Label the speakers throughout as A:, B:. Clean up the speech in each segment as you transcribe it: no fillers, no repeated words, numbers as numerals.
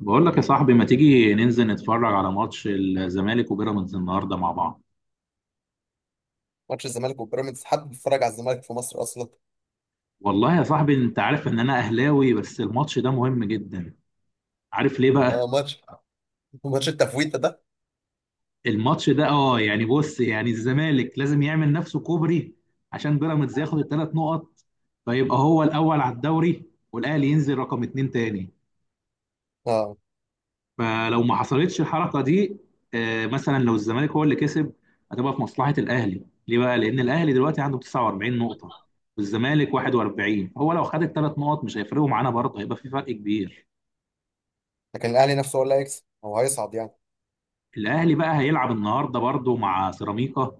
A: بقول لك يا صاحبي، ما تيجي ننزل نتفرج على ماتش الزمالك وبيراميدز النهارده مع بعض؟
B: ماتش الزمالك وبيراميدز. حد بيتفرج على الزمالك في مصر اصلا؟
A: والله يا صاحبي انت عارف ان انا اهلاوي، بس الماتش ده مهم جدا. عارف ليه بقى؟
B: اه، ماتش التفويته ده.
A: الماتش ده يعني بص، يعني الزمالك لازم يعمل نفسه كوبري عشان بيراميدز ياخد الثلاث نقط، فيبقى هو الاول على الدوري والاهلي ينزل رقم اتنين تاني.
B: اه،
A: فلو ما حصلتش الحركه دي، مثلا لو الزمالك هو اللي كسب، هتبقى في مصلحه الاهلي. ليه بقى؟ لان الاهلي دلوقتي عنده 49 نقطه والزمالك 41، هو لو خد الثلاث نقط مش هيفرقوا معانا برضه، هيبقى في فرق كبير.
B: لكن الاهلي نفسه هو اللي هيكسب. هو هيصعد يعني.
A: الاهلي بقى هيلعب النهارده برضه مع سيراميكا،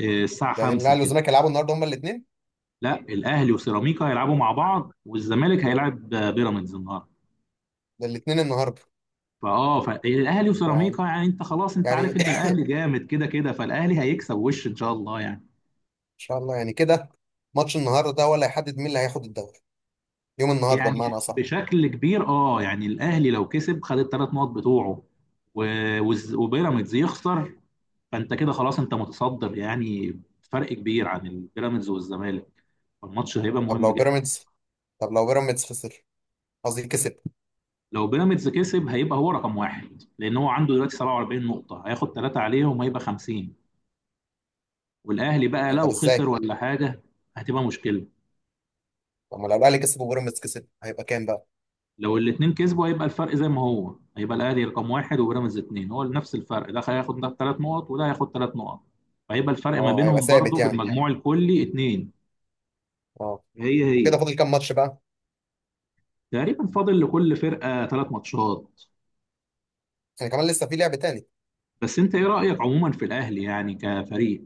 A: الساعه
B: يعني
A: 5
B: الاهلي
A: كده.
B: والزمالك هيلعبوا النهارده هما الاثنين؟
A: لا، الاهلي وسيراميكا هيلعبوا مع بعض، والزمالك هيلعب بيراميدز النهارده.
B: ده الاثنين النهارده؟
A: فاه، فالاهلي
B: يعني
A: وسيراميكا، يعني انت خلاص، انت
B: يعني
A: عارف
B: ان
A: ان الاهلي جامد كده كده، فالاهلي هيكسب وش ان شاء الله يعني.
B: شاء الله يعني كده. ماتش النهارده ده هو اللي هيحدد مين اللي هياخد الدوري. يوم النهارده
A: يعني
B: بمعنى اصح.
A: بشكل كبير، يعني الاهلي لو كسب خد الثلاث نقط بتوعه وبيراميدز يخسر، فانت كده خلاص، انت متصدر يعني، فرق كبير عن البيراميدز والزمالك. الماتش هيبقى
B: طب
A: مهم
B: لو
A: جدا.
B: بيراميدز طب لو بيراميدز خسر. قصدي كسب.
A: لو بيراميدز كسب هيبقى هو رقم واحد، لان هو عنده دلوقتي 47 نقطة، هياخد ثلاثة عليهم هيبقى 50. والاهلي بقى
B: يعني طب
A: لو خسر
B: ازاي؟
A: ولا حاجة هتبقى مشكلة.
B: طب ما لو الاهلي كسب وبيراميدز كسب هيبقى كام بقى؟
A: لو الاثنين كسبوا هيبقى الفرق زي ما هو، هيبقى الاهلي رقم واحد وبيراميدز اثنين، هو نفس الفرق، ده هياخد ده ثلاث نقط وده هياخد ثلاث نقط، فهيبقى الفرق ما
B: اه، هيبقى
A: بينهم برضه
B: ثابت
A: في
B: يعني.
A: المجموع الكلي اثنين.
B: اه.
A: هي
B: وكده
A: هي.
B: فاضل كام ماتش بقى؟
A: تقريبا فاضل لكل فرقه ثلاث ماتشات.
B: يعني كمان لسه في لعب تاني.
A: بس انت ايه رايك عموما في الاهلي يعني كفريق؟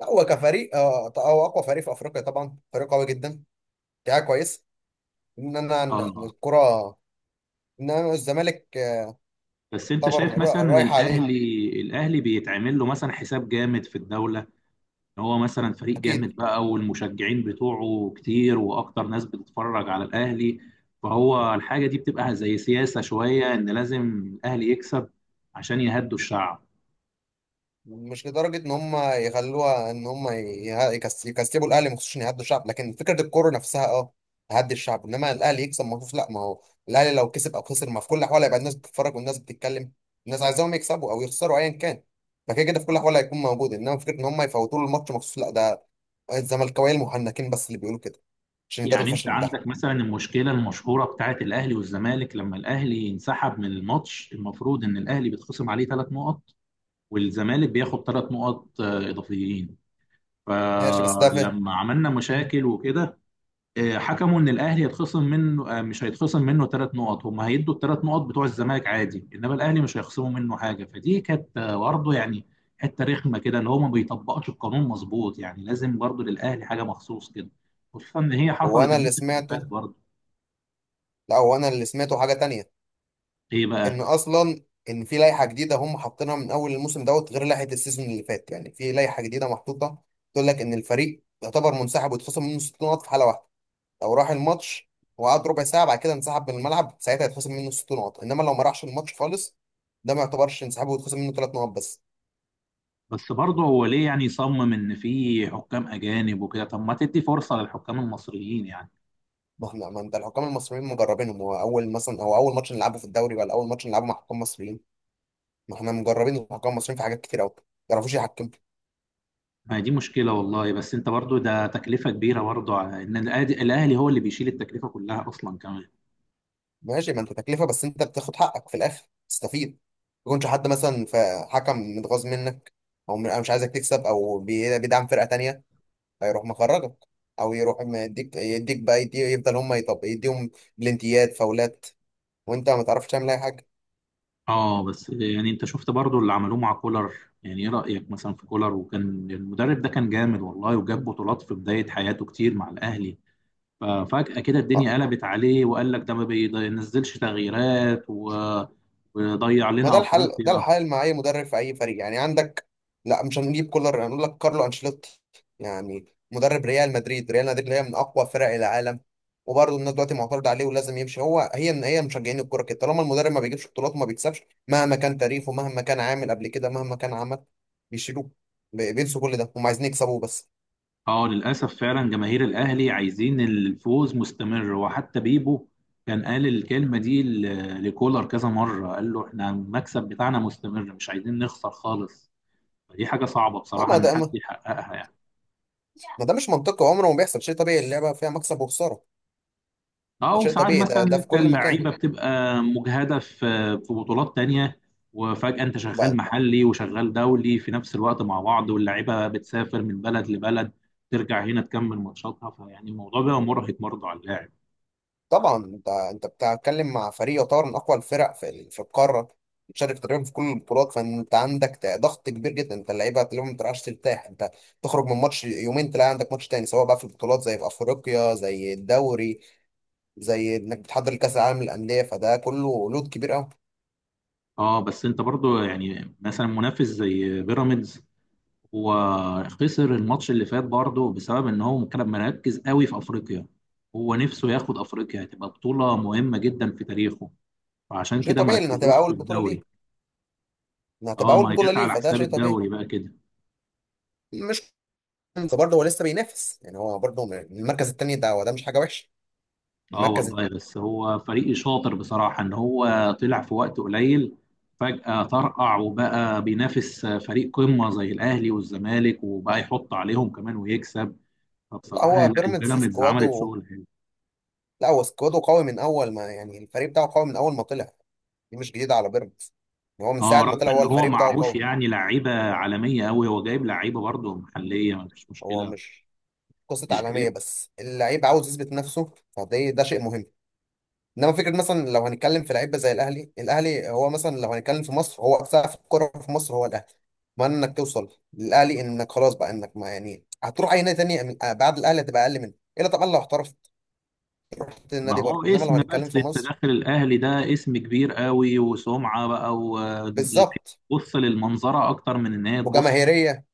B: لا، هو كفريق هو اقوى فريق في افريقيا طبعا. فريق قوي جدا. دفاع كويس. ان انا إن
A: اه،
B: الكره ان انا الزمالك آه،
A: بس انت
B: يعتبر
A: شايف مثلا ان
B: رايح عليه.
A: الاهلي بيتعمل له مثلا حساب جامد في الدوله، هو مثلا فريق
B: اكيد.
A: جامد بقى، والمشجعين بتوعه كتير، واكتر ناس بتتفرج على الاهلي، فهو الحاجه دي بتبقى زي سياسه شويه ان لازم الاهلي يكسب عشان يهدوا الشعب.
B: مش لدرجه ان هم يخلوها ان هم يكسبوا الاهلي مخصوص عشان يهدوا الشعب. لكن فكره الكوره نفسها اه تهدي الشعب. انما الاهلي يكسب مخصوص لا. ما هو الاهلي لو كسب او خسر، ما في كل الاحوال هيبقى الناس بتتفرج والناس بتتكلم. الناس عايزاهم يكسبوا او يخسروا ايا كان. فكده كده في كل الاحوال هيكون موجود. انما فكره ان هم يفوتوا له الماتش مخصوص لا، ده الزملكاويه المحنكين بس اللي بيقولوا كده. عشان يداروا
A: يعني انت
B: الفشل
A: عندك
B: بتاعهم.
A: مثلا المشكله المشهوره بتاعت الاهلي والزمالك، لما الاهلي ينسحب من الماتش المفروض ان الاهلي بيتخصم عليه ثلاث نقط والزمالك بياخد ثلاث نقط اضافيين.
B: ماشي، بس ده فين؟
A: فلما عملنا مشاكل وكده، حكموا ان الاهلي هيتخصم منه، مش هيتخصم منه ثلاث نقط، هم هيدوا الثلاث نقط بتوع الزمالك عادي، انما الاهلي مش هيخصموا منه حاجه. فدي كانت برضه يعني حته رخمه كده ان هو ما بيطبقش القانون مظبوط، يعني لازم برضه للاهلي حاجه مخصوص كده، خصوصا ان هي
B: هو
A: حصلت
B: انا اللي
A: الموسم اللي فات
B: سمعته.
A: برضه.
B: لا، هو انا اللي سمعته حاجه تانية.
A: ايه
B: ان
A: بقى؟
B: اصلا، ان في لائحه جديده هم حاطينها من اول الموسم دوت غير لائحه السيزون اللي فات. يعني في لائحه جديده محطوطه تقول لك ان الفريق يعتبر منسحب ويتخصم منه 60 نقط في حاله واحده. لو راح الماتش وقعد ربع ساعه بعد كده انسحب من الملعب، ساعتها يتخصم منه 60 نقط. انما لو ما راحش الماتش خالص، ده ما يعتبرش انسحاب ويتخصم منه 3 نقط بس.
A: بس برضه هو ليه يعني يصمم ان في حكام اجانب وكده؟ طب ما تدي فرصه للحكام المصريين يعني.
B: ما احنا ما انت الحكام المصريين مجربينهم. هو اول ماتش نلعبه في الدوري ولا اول ماتش نلعبه مع حكام مصريين؟ ما احنا مجربين الحكام المصريين في حاجات كتير قوي. ما يعرفوش يحكموا.
A: ما هي دي مشكله والله، بس انت برضه ده تكلفه كبيره برضه على ان الأهلي هو اللي بيشيل التكلفه كلها اصلا كمان.
B: ماشي، ما انت تكلفه، بس انت بتاخد حقك في الاخر تستفيد. ما يكونش حد مثلا فحكم متغاظ منك، او أو مش عايزك تكسب، او بيدعم فرقه تانية، فيروح مخرجك. او يروح يديك بقى يدي يفضل هم يطب يديهم بلنتيات فاولات، وانت ما تعرفش تعمل اي حاجه.
A: اه، بس يعني انت شفت برضو اللي عملوه مع كولر، يعني ايه رأيك مثلا في كولر وكان؟ المدرب ده كان جامد والله، وجاب بطولات في بداية حياته كتير مع الأهلي. ففجأة كده الدنيا قلبت عليه وقال لك ده ما بينزلش تغييرات ويضيع
B: ما ده
A: لنا
B: الحل ده
A: أفريقيا.
B: الحل مع اي مدرب في اي فريق يعني عندك. لا، مش هنجيب كولر هنقول لك كارلو انشيلوتي. يعني مدرب ريال مدريد. ريال مدريد اللي هي من اقوى فرق العالم، وبرضه الناس دلوقتي معترضه عليه ولازم يمشي. هي ان هي مشجعين الكوره كده، طالما المدرب ما بيجيبش بطولات وما بيكسبش، مهما كان تاريخه، مهما كان عامل قبل كده، مهما كان عمل، بيشيلوه. بينسوا كل ده، هم عايزين يكسبوه بس.
A: اه، للأسف فعلا جماهير الأهلي عايزين الفوز مستمر، وحتى بيبو كان قال الكلمة دي لكولر كذا مرة، قال له احنا المكسب بتاعنا مستمر مش عايزين نخسر خالص. دي حاجة صعبة
B: آه،
A: بصراحة
B: ما
A: إن
B: ده
A: حد
B: ما
A: يحققها يعني.
B: ما ده مش منطقي، عمره ما بيحصل. شيء طبيعي، اللعبه فيها مكسب وخساره.
A: اه،
B: ده شيء
A: وساعات
B: طبيعي.
A: مثلا
B: ده في
A: انت
B: كل مكان.
A: اللعيبه بتبقى مجهده في في بطولات تانية، وفجاه انت شغال محلي وشغال دولي في نفس الوقت مع بعض، واللعيبه بتسافر من بلد لبلد، ترجع هنا تكمل ماتشاتها، فيعني الموضوع بقى مرهق برضه على اللاعب.
B: طبعا، انت بتتكلم مع فريق يعتبر من اقوى الفرق في القاره. بتشارك تقريبا في كل البطولات، فانت عندك ضغط كبير جدا. انت اللعيبه تلاقيهم ما بتعرفش ترتاح. انت تخرج من ماتش يومين تلاقي عندك ماتش تاني، سواء بقى في البطولات زي في افريقيا، زي الدوري، زي انك بتحضر لكاس العالم للانديه. فده كله لود كبير قوي.
A: اه، بس انت برضه يعني مثلا منافس زي بيراميدز، هو خسر الماتش اللي فات برضه بسبب ان هو كان مركز قوي في افريقيا، هو نفسه ياخد افريقيا هتبقى بطوله مهمه جدا في تاريخه، فعشان
B: شيء
A: كده
B: طبيعي لان هتبقى
A: مركزوش في
B: اول بطوله ليه.
A: الدوري.
B: ان
A: اه،
B: هتبقى اول
A: ما هي
B: بطوله
A: جت
B: ليه
A: على
B: فده
A: حساب
B: شيء طبيعي.
A: الدوري بقى كده.
B: مش انت برضه، هو لسه بينافس يعني. هو برضه من المركز الثاني ده، وده مش حاجه وحشه.
A: اه
B: المركز الت-
A: والله، بس هو فريق شاطر بصراحة، ان هو طلع في وقت قليل فجأة طرقع وبقى بينافس فريق قمة زي الاهلي والزمالك، وبقى يحط عليهم كمان ويكسب.
B: لا،
A: فبصراحة
B: هو
A: لا،
B: بيراميدز
A: البيراميدز عملت
B: سكواده.
A: شغل حلو.
B: لا، هو سكواده قوي من اول ما، يعني الفريق بتاعه قوي من اول ما طلع. دي مش جديده على بيراميدز. يعني هو من ساعه
A: اه،
B: ما
A: رغم
B: طلع هو
A: ان هو
B: الفريق بتاعه
A: معهوش
B: قوي.
A: يعني لعيبة عالمية قوي، هو جايب لعيبة برضه محلية مفيش
B: هو
A: مشكلة.
B: مش قصه
A: مش
B: عالميه، بس اللعيب عاوز يثبت نفسه. فده شيء مهم. انما فكره مثلا لو هنتكلم في لعيبه زي الاهلي. الاهلي هو مثلا لو هنتكلم في مصر هو سقف الكوره في مصر هو الاهلي. ما انك توصل للاهلي انك خلاص بقى، انك ما يعني هتروح اي نادي تاني بعد الاهلي هتبقى اقل منه. الا طبعا لو احترفت رحت
A: ما
B: النادي بره،
A: هو
B: انما لو
A: اسم،
B: هنتكلم
A: بس
B: في
A: انت
B: مصر.
A: داخل الاهلي ده اسم كبير قوي وسمعه بقى،
B: بالظبط.
A: وتبص للمنظره اكتر من ان هي تبص.
B: وجماهيريه.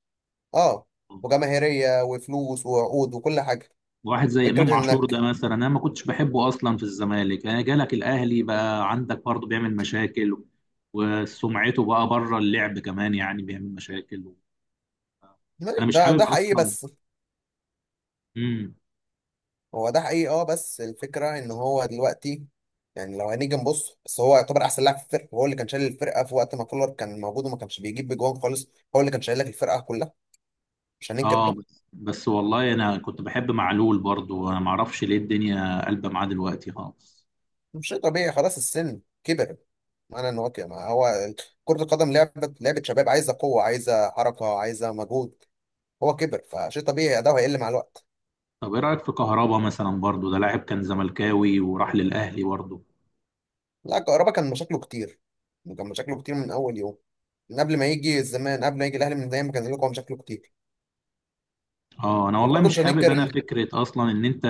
B: اه. وجماهيريه وفلوس وعقود وكل حاجه.
A: واحد زي امام
B: فكره
A: عاشور ده
B: انك
A: مثلا، انا ما كنتش بحبه اصلا في الزمالك، انا جالك الاهلي بقى عندك برضه بيعمل مشاكل، وسمعته بقى بره اللعب كمان يعني بيعمل مشاكل. انا مش
B: ده
A: حابب
B: حقيقي
A: اصلا.
B: بس.
A: امم.
B: هو ده حقيقي اه، بس الفكره ان هو دلوقتي، يعني لو هنيجي نبص، بس هو يعتبر احسن لاعب في الفرقه. هو اللي كان شايل الفرقه في وقت ما كولر كان موجود وما كانش بيجيب بجوان خالص. هو اللي كان شايل لك الفرقه كلها. مش هننكر
A: اه،
B: ده.
A: بس بس والله انا كنت بحب معلول برضه، انا ما اعرفش ليه الدنيا قلبه معاه دلوقتي خالص.
B: مش شيء طبيعي خلاص، السن كبر. انا نواكي. ما هو كرة القدم لعبة، لعبة شباب، عايزة قوة، عايزة حركة، عايزة مجهود. هو كبر فشيء طبيعي ده هيقل مع الوقت.
A: طب ايه رايك في كهربا مثلا برضو؟ ده لاعب كان زملكاوي وراح للاهلي برضو.
B: لا، كهربا كان مشاكله كتير. كان مشاكله كتير من اول يوم، من قبل ما يجي الزمان، قبل ما يجي الاهلي، من دايما كان لكم مشاكله كتير.
A: اه، انا والله
B: وبرضه
A: مش
B: مش
A: حابب،
B: هننكر
A: انا
B: ان
A: فكره اصلا ان انت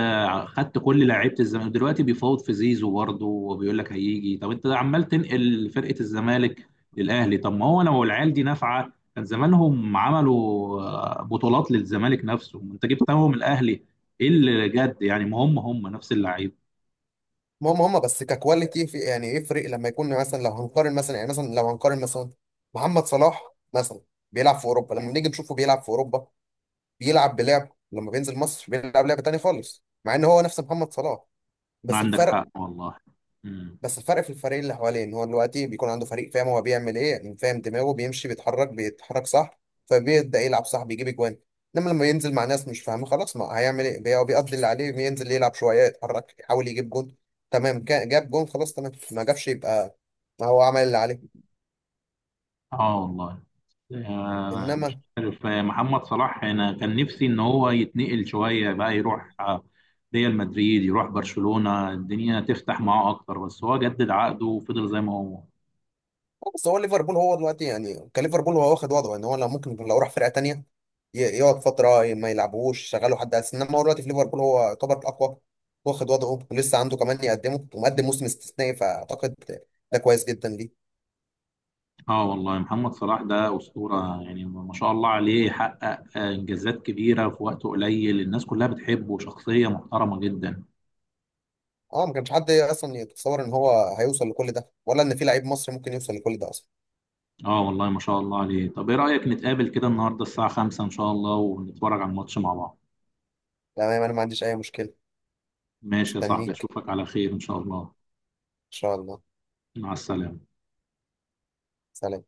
A: خدت كل لعيبه الزمالك. دلوقتي بيفاوض في زيزو برضو، وبيقول لك هيجي. طب انت عمال تنقل فرقه الزمالك للاهلي، طب ما هو لو العيال دي نافعه كان زمانهم عملوا بطولات للزمالك نفسه، انت جبتهم الاهلي ايه اللي جد يعني؟ ما هم هم نفس اللعيبه.
B: هم هم بس ككواليتي، في يعني يفرق لما يكون مثلا. لو هنقارن مثلا محمد صلاح مثلا بيلعب في اوروبا. لما نيجي نشوفه بيلعب في اوروبا بيلعب. لما بينزل مصر بيلعب لعبه تانيه خالص مع ان هو نفس محمد صلاح. بس
A: عندك حق
B: الفرق،
A: والله. امم.
B: بس الفرق في الفريق اللي حواليه. ان هو دلوقتي بيكون عنده فريق فاهم هو بيعمل ايه، يعني فاهم دماغه بيمشي، بيتحرك بيتحرك صح، فبيبدا يلعب صح بيجيب اجوان. انما لما ينزل مع ناس مش فاهمه خلاص ما هيعمل ايه. هو بيقضي اللي عليه، بينزل يلعب شويه، يتحرك، يحاول يجيب جون. تمام جاب جون خلاص تمام، ما جابش يبقى ما هو عمل اللي عليه.
A: اه والله مش
B: انما
A: عارف، محمد صلاح انا كان نفسي ان هو يتنقل شويه بقى، يروح ريال مدريد، يروح برشلونه، الدنيا تفتح معاه اكتر، بس هو جدد عقده وفضل زي ما هو.
B: بس هو ليفربول، هو دلوقتي يعني كليفربول هو واخد وضعه يعني. هو لو ممكن لو راح فرقه تانيه يقعد فتره ما يلعبوش شغاله حد اساسي. انما هو دلوقتي في ليفربول هو يعتبر الاقوى، واخد وضعه ولسه عنده كمان يقدمه، ومقدم موسم استثنائي. فاعتقد ده كويس جدا ليه.
A: اه والله، محمد صلاح ده اسطوره يعني، ما شاء الله عليه، حقق انجازات كبيره في وقت قليل، الناس كلها بتحبه، شخصيه محترمه جدا.
B: اه، ما كانش حد اصلا يتصور ان هو هيوصل لكل ده، ولا ان في لعيب مصري ممكن يوصل لكل ده اصلا.
A: اه والله ما شاء الله عليه. طب ايه رايك نتقابل كده النهارده الساعه 5 ان شاء الله ونتفرج على الماتش مع بعض؟
B: تمام، انا ما عنديش اي مشكله.
A: ماشي يا صاحبي،
B: استنيك
A: اشوفك على خير ان شاء الله.
B: ان شاء الله.
A: مع السلامه.
B: سلام.